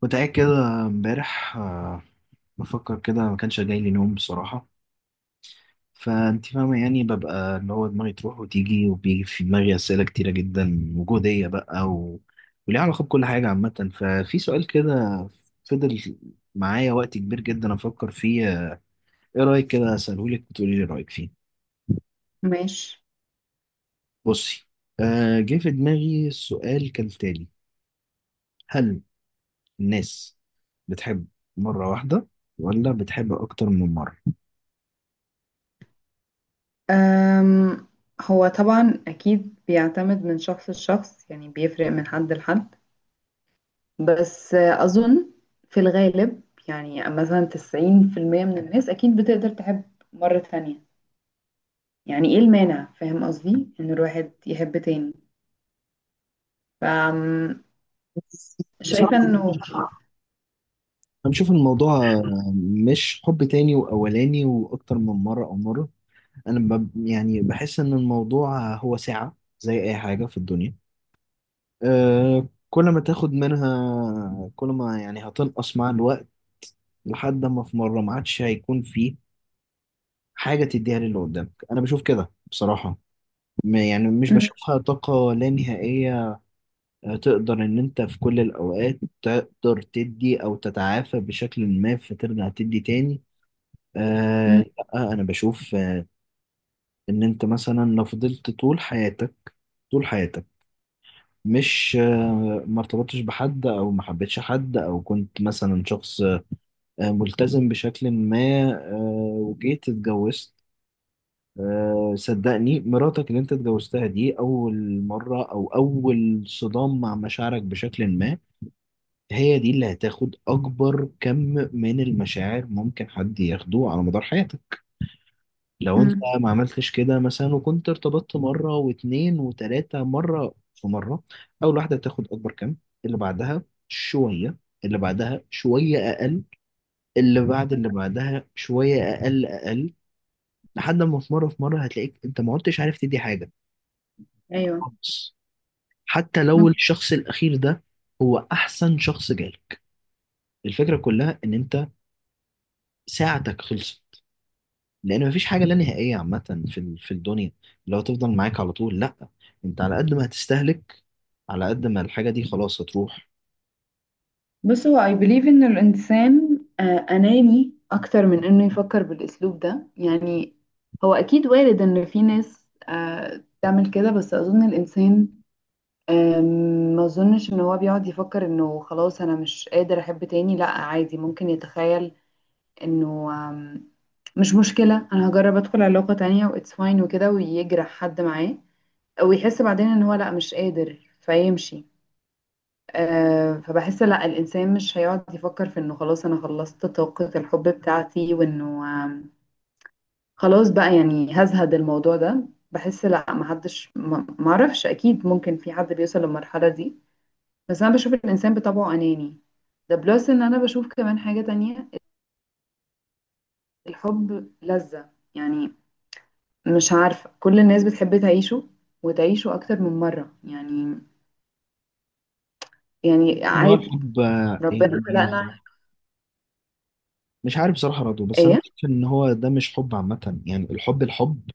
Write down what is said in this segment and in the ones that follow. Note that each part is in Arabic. كنت قاعد كده امبارح بفكر كده ما كانش جاي لي نوم بصراحة. فانت فاهمة يعني ببقى اللي هو دماغي تروح وتيجي وبيجي في دماغي أسئلة كتيرة جدا وجودية بقى وليها علاقة بكل حاجة عامة. ففي سؤال كده فضل معايا وقت كبير جدا أفكر فيه، إيه رأيك كده أسألهولك وتقولي لي رأيك فيه؟ ماشي. بصي، جه في دماغي السؤال كالتالي: هل الناس بتحب مرة واحدة ولا بتحب أكتر من مرة؟ أم هو طبعا أكيد بيعتمد من شخص لشخص، يعني بيفرق من حد لحد. بس أظن في الغالب، يعني مثلا 90% من الناس أكيد بتقدر تحب مرة تانية. يعني إيه المانع، فاهم قصدي إن الواحد يحب تاني؟ ف شايفة إنه أنا بشوف إن الموضوع مش حب تاني وأولاني وأكتر من مرة أو مرة. أنا يعني بحس إن الموضوع هو ساعة زي أي حاجة في الدنيا. كل ما تاخد منها كل ما يعني هتنقص مع الوقت لحد ما في مرة ما عادش هيكون فيه حاجة تديها للي قدامك. أنا بشوف كده بصراحة، يعني مش م- بشوفها طاقة لا نهائية. تقدر إن أنت في كل الأوقات تقدر تدي أو تتعافى بشكل ما فترجع تدي تاني. م- آه لا، انا بشوف، ان انت مثلا لو فضلت طول حياتك طول حياتك، مش ما ارتبطتش بحد او ما حبيتش حد او كنت مثلا شخص، ملتزم بشكل ما، وجيت اتجوزت. صدقني مراتك اللي انت اتجوزتها دي اول مرة او اول صدام مع مشاعرك بشكل ما. هي دي اللي هتاخد اكبر كم من المشاعر ممكن حد ياخده على مدار حياتك. لو انت م. ما عملتش كده مثلا وكنت ارتبطت مرة واتنين وتلاتة مرة في مرة، اول واحدة تاخد اكبر كم، اللي بعدها شوية، اللي بعدها شوية اقل، اللي بعد اللي بعدها شوية اقل اقل، لحد ما في مرة هتلاقيك انت ما عدتش عارف تدي حاجة أيوه. خالص. حتى لو الشخص الاخير ده هو احسن شخص جالك، الفكرة كلها ان انت ساعتك خلصت. لان مفيش حاجه لا نهائيه عامه في الدنيا اللي هو تفضل معاك على طول. لا، انت على قد ما هتستهلك، على قد ما الحاجه دي خلاص هتروح. بص، هو I believe إن الإنسان أناني أكتر من إنه يفكر بالأسلوب ده يعني. هو أكيد وارد إن في ناس تعمل كده، بس أظن الإنسان آم، ما أظنش إن هو بيقعد يفكر إنه خلاص أنا مش قادر أحب تاني. لأ عادي، ممكن يتخيل إنه مش مشكلة، أنا هجرب أدخل علاقة تانية و it's fine وكده، ويجرح حد معاه ويحس بعدين إن هو لأ مش قادر فيمشي. فبحس لا، الإنسان مش هيقعد يفكر في إنه خلاص أنا خلصت طاقة الحب بتاعتي، وإنه خلاص بقى يعني هزهد الموضوع ده. بحس لا، محدش معرفش، أكيد ممكن في حد بيوصل للمرحلة دي، بس أنا بشوف الإنسان بطبعه أناني. ده بلس إن أنا بشوف كمان حاجة تانية، الحب لذة يعني، مش عارفة، كل الناس بتحب تعيشه وتعيشه أكتر من مرة يعني. يعني كان هو عادي، الحب، ربنا خلقنا. يعني مش عارف بصراحه رضو. بس انا إيه. بشوف ان هو ده مش حب عامه. يعني الحب، الحب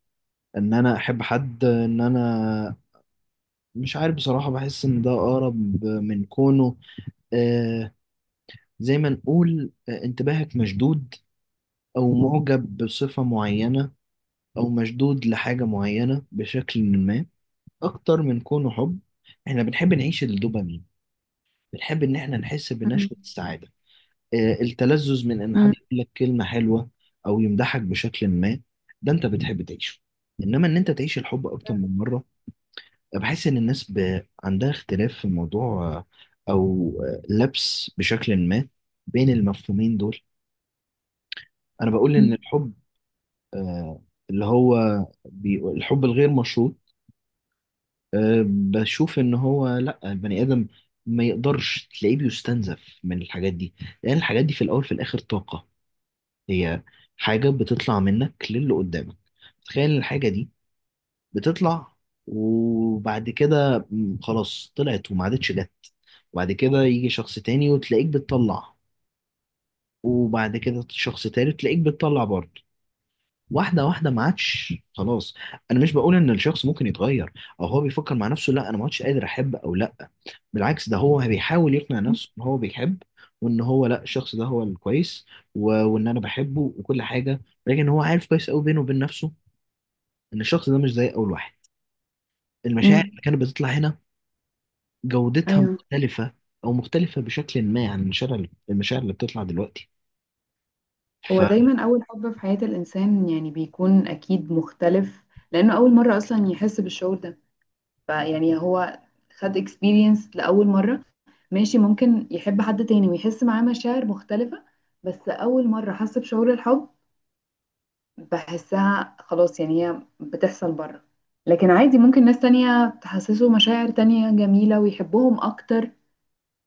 ان انا احب حد ان انا مش عارف بصراحه، بحس ان ده اقرب من كونه، آه زي ما نقول، انتباهك مشدود او معجب بصفه معينه او مشدود لحاجه معينه بشكل ما، اكتر من كونه حب. احنا بنحب نعيش الدوبامين، بنحب ان احنا نحس مم. بنشوة السعادة. التلذذ من ان حد مم. يقول لك كلمة حلوة او يمدحك بشكل ما، ده انت بتحب تعيشه. انما ان انت تعيش الحب اكتر من مرة، بحس ان الناس عندها اختلاف في موضوع، او لبس بشكل ما بين المفهومين دول. انا بقول ان الحب، آه، اللي هو الحب الغير مشروط. بشوف ان هو لا، البني ادم ما يقدرش تلاقيه بيستنزف من الحاجات دي، لان الحاجات دي في الاول في الاخر طاقة. هي حاجة بتطلع منك للي قدامك. تخيل الحاجة دي بتطلع، وبعد كده خلاص طلعت وما عادتش جت. وبعد كده يجي شخص تاني وتلاقيك بتطلع، وبعد كده شخص تالت تلاقيك بتطلع برضه. واحده واحده ما عادش خلاص. انا مش بقول ان الشخص ممكن يتغير او هو بيفكر مع نفسه لا انا ما عادش قادر احب او لا. بالعكس، ده هو بيحاول يقنع مم. نفسه ان هو بيحب، وان هو لا الشخص ده هو الكويس وان انا بحبه وكل حاجه. لكن هو عارف كويس قوي بينه وبين نفسه ان الشخص ده مش زي اول واحد. المشاعر مم. اللي كانت بتطلع هنا جودتها ايوه. مختلفه، او مختلفه بشكل ما عن المشاعر اللي بتطلع دلوقتي. ف هو دايما اول حب في حياة الانسان يعني بيكون اكيد مختلف، لانه اول مرة اصلا يحس بالشعور ده. فيعني هو خد اكسبيرينس لاول مرة. ماشي، ممكن يحب حد تاني ويحس معاه مشاعر مختلفة، بس اول مرة حس بشعور الحب بحسها خلاص، يعني هي بتحصل بره. لكن عادي، ممكن ناس تانية تحسسه مشاعر تانية جميلة ويحبهم اكتر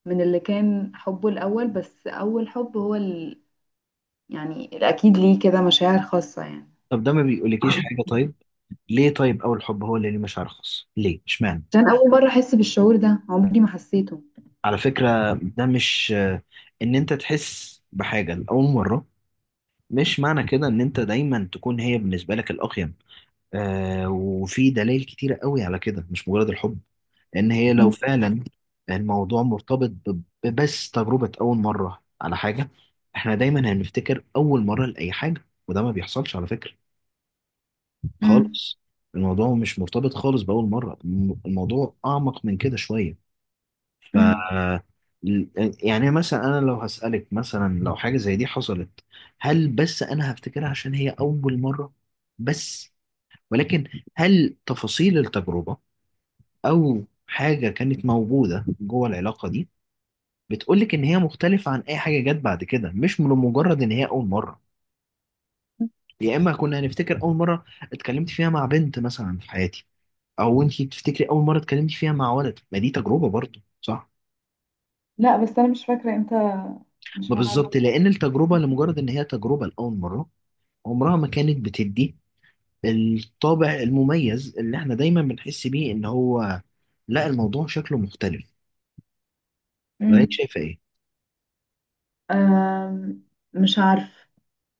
من اللي كان حبه الاول، بس اول حب هو يعني أكيد ليه كده مشاعر خاصة يعني. طب ده ما بيقولكيش حاجه؟ طيب ليه طيب اول حب هو اللي ليه مشاعر خاصه؟ ليه اشمعنى؟ عشان أول مرة أحس بالشعور ده، عمري ما حسيته. على فكرة ده مش إن أنت تحس بحاجة لأول مرة، مش معنى كده إن أنت دايما تكون هي بالنسبة لك الأقيم. آه، وفي دلائل كتيرة قوي على كده، مش مجرد الحب. إن هي لو مم. فعلا الموضوع مرتبط ببس تجربة أول مرة على حاجة، إحنا دايما هنفتكر أول مرة لأي حاجة. وده ما بيحصلش على فكرة مم. خالص. الموضوع مش مرتبط خالص بأول مرة، الموضوع أعمق من كده شوية. ف مم. يعني مثلا انا لو هسألك مثلا لو حاجة زي دي حصلت، هل بس انا هفتكرها عشان هي اول مرة بس؟ ولكن هل تفاصيل التجربة او حاجة كانت موجودة جوه العلاقة دي بتقولك ان هي مختلفة عن اي حاجة جت بعد كده، مش من مجرد ان هي اول مرة؟ يا اما كنا هنفتكر اول مرة اتكلمت فيها مع بنت مثلا في حياتي، او انتي بتفتكري اول مرة اتكلمتي فيها مع ولد، ما دي تجربة برضه صح؟ لا، بس أنا مش فاكرة إمتى، مش ما عارفة. بالظبط، لأن التجربة لمجرد إن هي تجربة لأول مرة عمرها ما كانت بتدي الطابع المميز اللي إحنا دايما بنحس بيه إن هو لا الموضوع شكله مختلف. ولا أنت مم. شايفة إيه؟ أم، مش عارفة،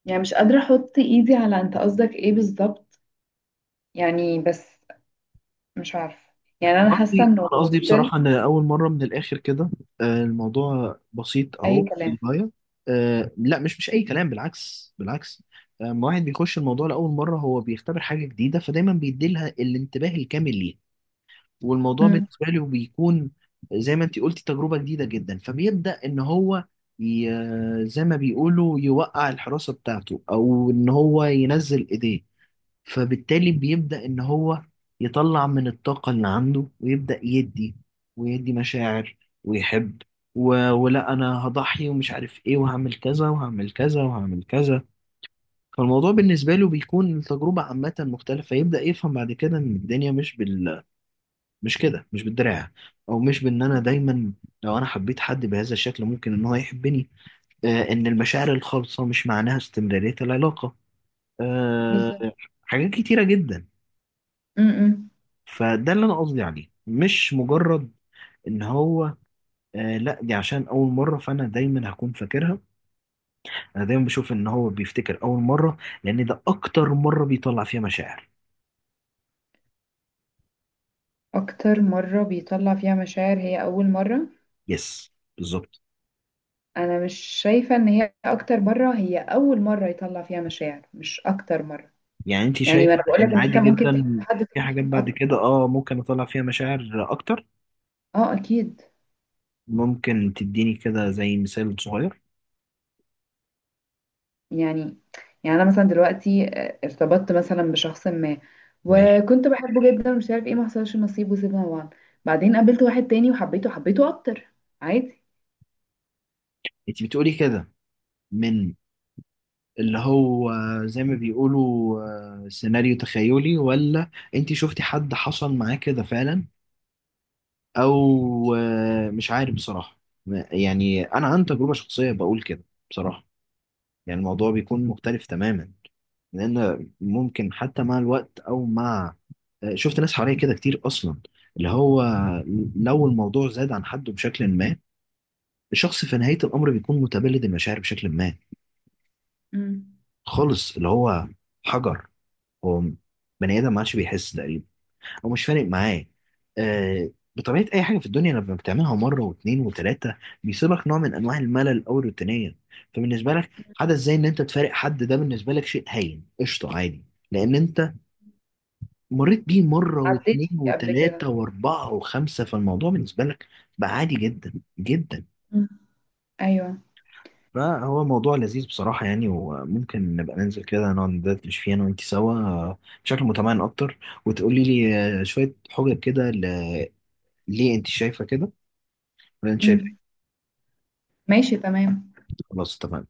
يعني مش قادرة أحط إيدي على أنت قصدك إيه بالظبط، يعني بس مش عارفة. يعني أنا أنا حاسة قصدي إنه أنا قصدي still. بصراحة إن أول مرة من الآخر كده، الموضوع بسيط أهو أي كلام. للغاية. لا، مش أي كلام، بالعكس، بالعكس. لما واحد بيخش الموضوع لأول مرة هو بيختبر حاجة جديدة، فدايما بيديلها الانتباه الكامل ليها. والموضوع مم. بالنسبة له بيكون زي ما انت قلتي تجربة جديدة جدا. فبيبدأ ان هو ي... زي ما بيقولوا يوقع الحراسة بتاعته او ان هو ينزل ايديه. فبالتالي بيبدأ ان هو يطلع من الطاقة اللي عنده ويبدأ يدي، ويدي مشاعر، ويحب ولا انا هضحي ومش عارف ايه وهعمل كذا وهعمل كذا وهعمل كذا. فالموضوع بالنسبة له بيكون التجربة عامة مختلفة. يبدأ يفهم بعد كده ان الدنيا مش بال، مش كده، مش بالدراع، او مش بان انا دايما لو انا حبيت حد بهذا الشكل ممكن ان هو يحبني. ان المشاعر الخالصه مش معناها استمراريه العلاقه، آه بالظبط. حاجات كتيره جدا. مم. مم. فده اللي انا قصدي عليه، مش مجرد ان هو لا دي عشان اول مره فانا دايما هكون فاكرها. انا دايما بشوف ان هو بيفتكر اول مره لان ده اكتر مره بيطلع فيها مشاعر. أكتر مرة بيطلع فيها مشاعر هي أول مرة. يس، بالظبط. انا مش شايفه ان هي اكتر مره، هي اول مره يطلع فيها مشاعر مش اكتر مره. يعني انت يعني ما شايفه انا بقول لك ان ان انت عادي ممكن تحب جدا حد في تاني حاجات بعد كده ممكن اطلع فيها مشاعر اكتر؟ اه اكيد. ممكن تديني كده زي مثال صغير؟ يعني يعني انا مثلا دلوقتي ارتبطت مثلا بشخص ما ماشي. وكنت بحبه جدا ومش عارف ايه، ما حصلش نصيب وسيبنا بعض. بعدين قابلت واحد تاني وحبيته اكتر، عادي. انت بتقولي كده من اللي هو زي ما بيقولوا، سيناريو تخيلي، ولا انت شفتي حد حصل معاه كده فعلا؟ او مش عارف بصراحة. يعني انا عن تجربة شخصية بقول كده بصراحة، يعني الموضوع بيكون مختلف تماما. لان ممكن حتى مع الوقت او مع، شفت ناس حواليا كده كتير اصلا اللي هو لو الموضوع زاد عن حده بشكل ما، الشخص في نهاية الأمر بيكون متبلد المشاعر بشكل ما امم. خالص. اللي هو حجر، هو بني آدم ما عادش بيحس تقريبا، أو مش فارق معاه. آه بطبيعة أي حاجة في الدنيا لما بتعملها مرة واتنين وتلاتة، بيصيبك نوع من أنواع الملل أو الروتينية. فبالنسبة لك حدث زي إن أنت تفارق حد، ده بالنسبة لك شيء هين قشطة عادي. لأن أنت مريت بيه مرة عديت واتنين فيه قبل وتلاتة كده. وأربعة وخمسة، فالموضوع بالنسبة لك بقى عادي جدا جدا. امم. ايوه. فهو موضوع لذيذ بصراحة يعني. وممكن نبقى ننزل كده نقعد ندردش فيه أنا وأنت سوا، بشكل متمعن أكتر، وتقولي لي شوية حجج كده، ليه أنت شايفة كده ولا أنت شايفة إيه؟ امم. ماشي تمام. خلاص اتفقنا.